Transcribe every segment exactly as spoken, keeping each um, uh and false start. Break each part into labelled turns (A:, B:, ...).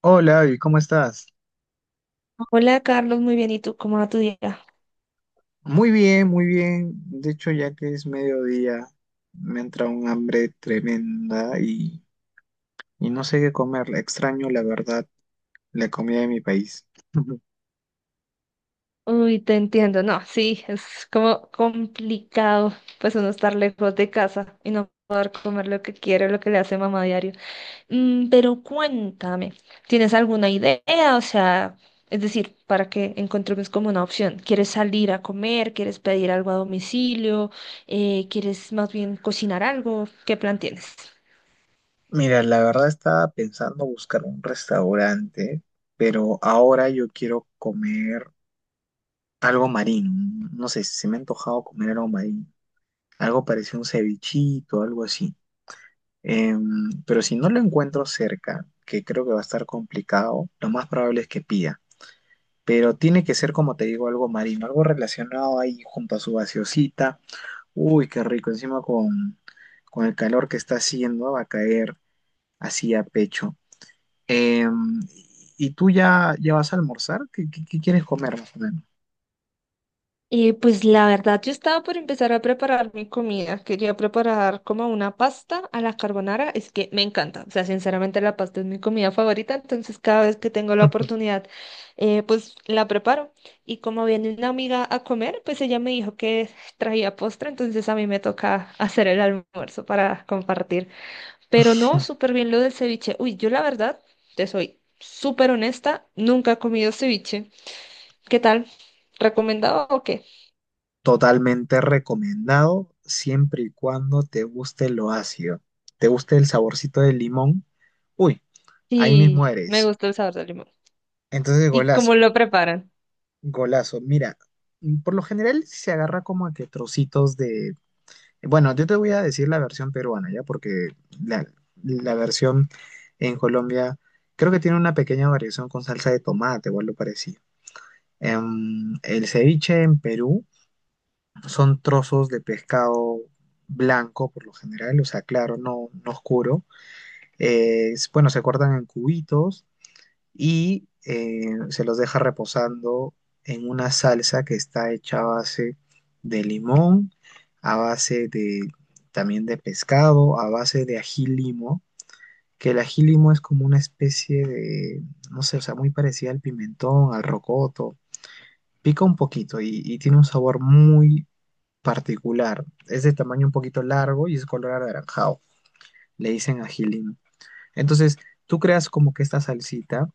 A: Hola, Abby, ¿cómo estás?
B: Hola Carlos, muy bien. ¿Y tú cómo va tu día?
A: Muy bien, muy bien. De hecho, ya que es mediodía, me entra un hambre tremenda y, y no sé qué comer. Extraño, la verdad, la comida de mi país.
B: Uy, te entiendo. No, sí, es como complicado pues uno estar lejos de casa y no poder comer lo que quiere, lo que le hace mamá diario. Mm, pero cuéntame, ¿tienes alguna idea? O sea, es decir, para que encontremos como una opción. ¿Quieres salir a comer? ¿Quieres pedir algo a domicilio? Eh, ¿quieres más bien cocinar algo? ¿Qué plan tienes?
A: Mira, la verdad estaba pensando buscar un restaurante, pero ahora yo quiero comer algo marino. No sé, se me ha antojado comer algo marino. Algo parecido a un cevichito, algo así. Em, pero si no lo encuentro cerca, que creo que va a estar complicado, lo más probable es que pida. Pero tiene que ser, como te digo, algo marino, algo relacionado ahí junto a su gaseosita. Uy, qué rico, encima con, con el calor que está haciendo, va a caer así a pecho. Em, ¿y tú ya, ya vas a almorzar? ¿Qué, qué- qué quieres comer más o menos?
B: Eh, pues la verdad, yo estaba por empezar a preparar mi comida. Quería preparar como una pasta a la carbonara. Es que me encanta. O sea, sinceramente la pasta es mi comida favorita. Entonces cada vez que tengo la oportunidad, eh, pues la preparo. Y como viene una amiga a comer, pues ella me dijo que traía postre. Entonces a mí me toca hacer el almuerzo para compartir. Pero no, súper bien lo del ceviche. Uy, yo la verdad, te soy súper honesta. Nunca he comido ceviche. ¿Qué tal? ¿Recomendado o qué?
A: Totalmente recomendado, siempre y cuando te guste lo ácido, te guste el saborcito del limón. Uy. Ahí mismo
B: Sí, me
A: eres.
B: gusta el sabor del limón.
A: Entonces,
B: ¿Y
A: golazo,
B: cómo lo preparan?
A: golazo. Mira, por lo general sí se agarra como a que trocitos de... Bueno, yo te voy a decir la versión peruana, ¿ya? Porque la, la versión en Colombia creo que tiene una pequeña variación con salsa de tomate o algo parecido. Em, el ceviche en Perú son trozos de pescado blanco por lo general, o sea, claro, no, no oscuro. Eh, bueno, se cortan en cubitos y eh, se los deja reposando en una salsa que está hecha a base de limón, a base de también de pescado, a base de ají limo, que el ají limo es como una especie de, no sé, o sea, muy parecida al pimentón, al rocoto, pica un poquito y, y tiene un sabor muy particular, es de tamaño un poquito largo y es color anaranjado, le dicen ají limo. Entonces, tú creas como que esta salsita,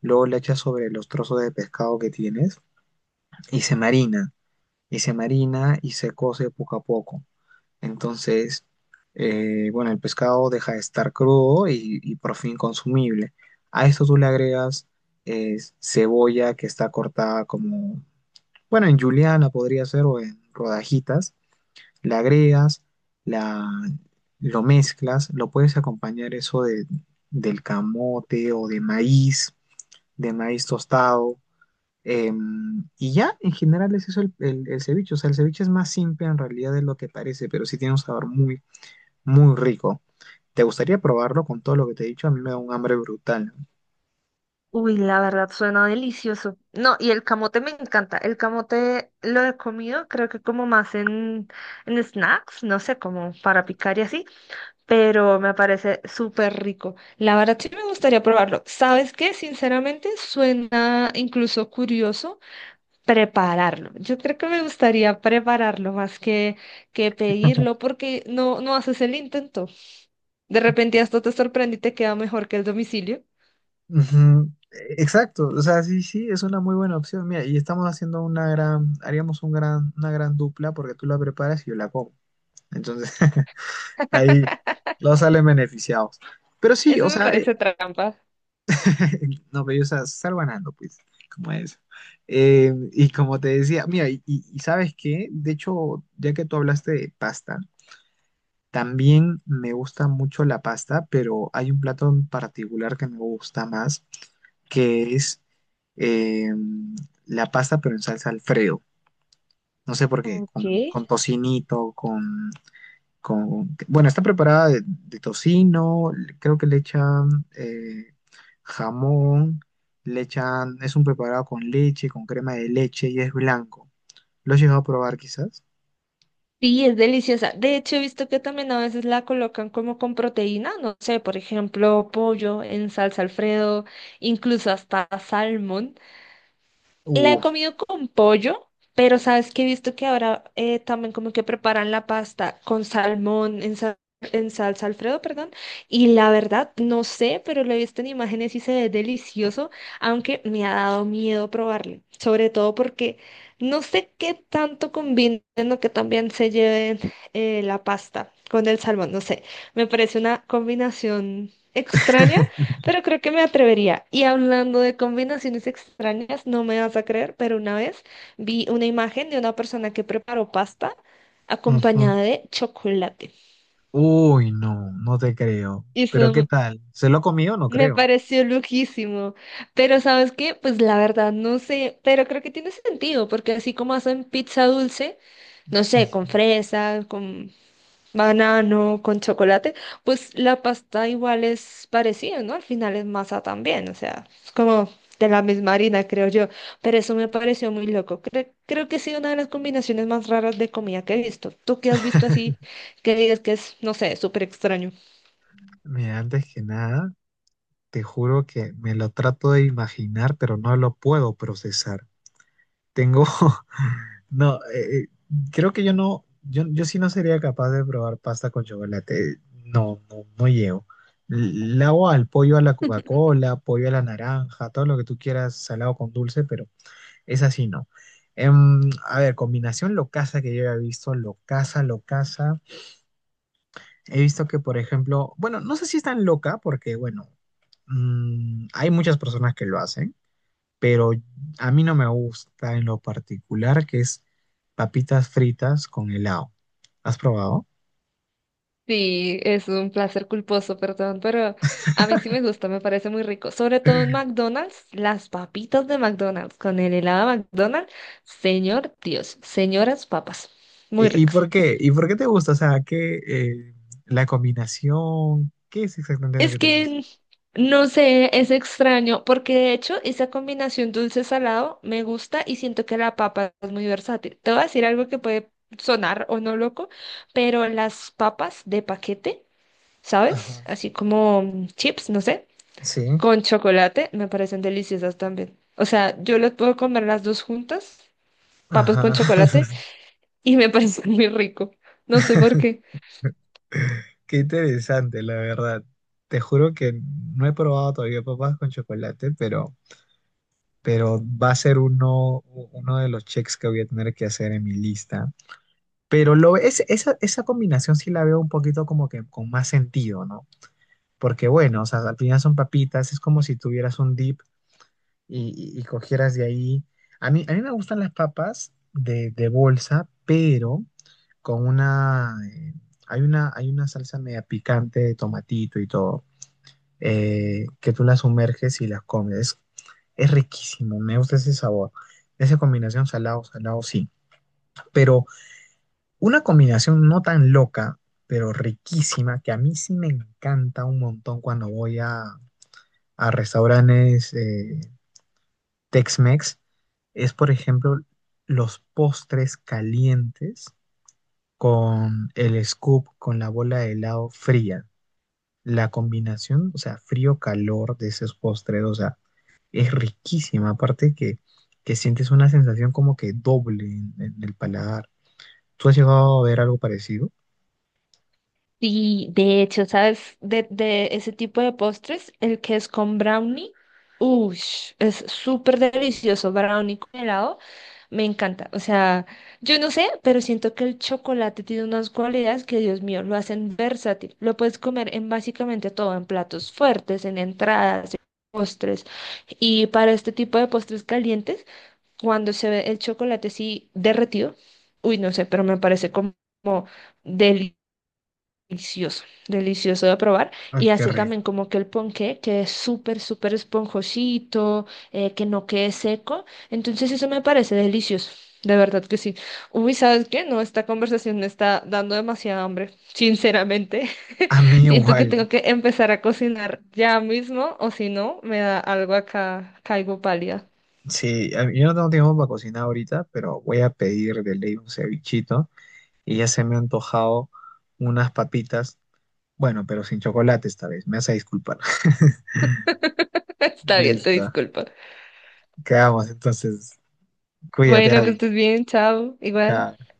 A: luego le echas sobre los trozos de pescado que tienes y se marina, y se marina y se cose poco a poco. Entonces, eh, bueno, el pescado deja de estar crudo y, y por fin consumible. A esto tú le agregas eh, cebolla que está cortada como, bueno, en juliana podría ser o en rodajitas le agregas, la, lo mezclas, lo puedes acompañar eso de, del camote o de maíz, de maíz tostado. em, y ya, en general es eso el, el- el ceviche. O sea, el ceviche es más simple en realidad de lo que parece, pero sí tiene un sabor muy, muy rico. ¿Te gustaría probarlo con todo lo que te he dicho? A mí me da un hambre brutal.
B: Uy, la verdad suena delicioso. No, y el camote me encanta. El camote lo he comido, creo que como más en, en snacks, no sé, como para picar y así, pero me parece súper rico. La verdad sí me gustaría probarlo. ¿Sabes qué? Sinceramente suena incluso curioso prepararlo. Yo creo que me gustaría prepararlo más que, que pedirlo porque no, no haces el intento. De repente hasta te sorprende y te queda mejor que el domicilio.
A: Ujú, Exacto, o sea, sí, sí, es una muy buena opción. Mira, y estamos haciendo una gran, haríamos un gran, una gran dupla porque tú la preparas y yo la como. Entonces, Ahí los salen beneficiados. Pero sí,
B: Eso
A: o
B: me
A: sea, eh,
B: parece trampa.
A: no, pero o sea, sal ganando, pues, como eso. Eh, y como te decía, mira, y, y- y ¿sabes qué? De hecho, ya que tú hablaste de pasta, también me gusta mucho la pasta, pero hay un plato en particular que me gusta más, que es eh, la pasta, pero en salsa Alfredo. No sé por qué, con,
B: Ok.
A: con tocinito, con con, bueno, está preparada de, de tocino, creo que le echan eh, jamón, le echan, es un preparado con leche, con crema de leche y es blanco. ¿Lo has llegado a probar quizás?
B: Sí, es deliciosa. De hecho, he visto que también a veces la colocan como con proteína, no sé, por ejemplo, pollo en salsa Alfredo, incluso hasta salmón. La he
A: Uh,
B: comido con pollo, pero sabes que he visto que ahora eh, también como que preparan la pasta con salmón en, sa- en salsa Alfredo, perdón. Y la verdad, no sé, pero lo he visto en imágenes y se ve delicioso, aunque me ha dado miedo probarlo. Sobre todo porque no sé qué tanto combinen o que también se lleven eh, la pasta con el salmón. No sé, me parece una combinación extraña. Pero creo que me atrevería. Y hablando de combinaciones extrañas, no me vas a creer, pero una vez vi una imagen de una persona que preparó pasta
A: ujú.
B: acompañada de chocolate.
A: Uy, no, no te creo.
B: Y
A: Pero ¿qué
B: eso
A: tal? ¿Se lo comió? No
B: me
A: creo.
B: pareció loquísimo. Pero ¿sabes qué? Pues la verdad no sé, pero creo que tiene sentido, porque así como hacen pizza dulce, no sé, con
A: Ujú.
B: fresa, con banano con chocolate, pues la pasta igual es parecida, ¿no? Al final es masa también, o sea, es como de la misma harina, creo yo. Pero eso me pareció muy loco. Cre- creo que sí, una de las combinaciones más raras de comida que he visto. ¿Tú qué has visto así que digas que es, no sé, súper extraño?
A: Mira, antes que nada, te juro que me lo trato de imaginar, pero no lo puedo procesar. Tengo No, eh, eh, creo que yo no, yo, yo sí no sería capaz de probar pasta con chocolate. No, no, no llego. Le hago al pollo a la Coca-Cola, pollo a la naranja, todo lo que tú quieras, salado con dulce, pero es así, no. Em, a ver, combinación locaza que yo he visto, locaza, locaza. He visto que, por ejemplo, bueno, no sé si es tan loca, porque, bueno, mm, hay muchas personas que lo hacen pero a mí no me gusta en lo particular que es papitas fritas con helado. ¿Has probado?
B: Sí, es un placer culposo, perdón, pero a mí sí me gusta, me parece muy rico. Sobre todo en McDonald's, las papitas de McDonald's con el helado de McDonald's, señor Dios, señoras papas, muy
A: ¿Y, y
B: ricas.
A: por qué? ¿Y por qué te gusta? O sea, ¿qué, eh, la combinación? ¿Qué es exactamente lo
B: Es
A: que te gusta?
B: que no sé, es extraño, porque de hecho esa combinación dulce-salado me gusta y siento que la papa es muy versátil. Te voy a decir algo que puede sonar o no loco, pero las papas de paquete, ¿sabes?
A: Ajá.
B: Así como mm, chips, no sé,
A: Sí,
B: con chocolate, me parecen deliciosas también. O sea, yo las puedo comer las dos juntas, papas con
A: ajá.
B: chocolate, y me parece muy rico. No sé por qué.
A: Qué interesante, la verdad. Te juro que no he probado todavía papas con chocolate, pero, pero va a ser uno, uno de los checks que voy a tener que hacer en mi lista. Pero lo, es, esa, esa combinación sí la veo un poquito como que con más sentido, ¿no? Porque bueno, o sea, al final son papitas, es como si tuvieras un dip y, y- y cogieras de ahí. A mí, a mí me gustan las papas de, de bolsa, pero con una, eh, hay una, hay una salsa media picante de tomatito y todo, eh, que tú las sumerges y las comes. Es, es riquísimo, me gusta ese sabor. Esa combinación salado, salado, sí. Pero Una combinación no tan loca, pero riquísima, que a mí sí me encanta un montón cuando voy a, a restaurantes eh, Tex-Mex, es por ejemplo los postres calientes con el scoop, con la bola de helado fría. La combinación, o sea, frío-calor de esos postres, o sea, es riquísima. Aparte que, que sientes una sensación como que doble en, en el paladar. ¿Tú has llegado a ver algo parecido?
B: Sí, de hecho, ¿sabes? De, de ese tipo de postres, el que es con brownie, uff, es súper delicioso, brownie con helado, me encanta. O sea, yo no sé, pero siento que el chocolate tiene unas cualidades que, Dios mío, lo hacen versátil. Lo puedes comer en básicamente todo, en platos fuertes, en entradas, en postres. Y para este tipo de postres calientes, cuando se ve el chocolate así derretido, uy, no sé, pero me parece como... delicioso, delicioso de probar.
A: Ay,
B: Y
A: qué
B: hace
A: rico.
B: también como que el ponqué, que es súper, súper esponjosito, eh, que no quede seco. Entonces eso me parece delicioso, de verdad que sí. Uy, ¿sabes qué? No, esta conversación me está dando demasiada hambre, sinceramente.
A: A mí
B: Siento que
A: igual,
B: tengo que empezar a cocinar ya mismo, o si no, me da algo acá, caigo pálida.
A: sí, a mí- yo no tengo tiempo para cocinar ahorita, pero voy a pedir de ley un cevichito y ya se me ha antojado unas papitas, bueno, pero sin chocolate esta vez, me vas a disculpar.
B: Está bien, te
A: Listo,
B: disculpo.
A: quedamos entonces, cuídate,
B: Bueno, que
A: Vale.
B: estés bien, chao, igual.
A: Chao.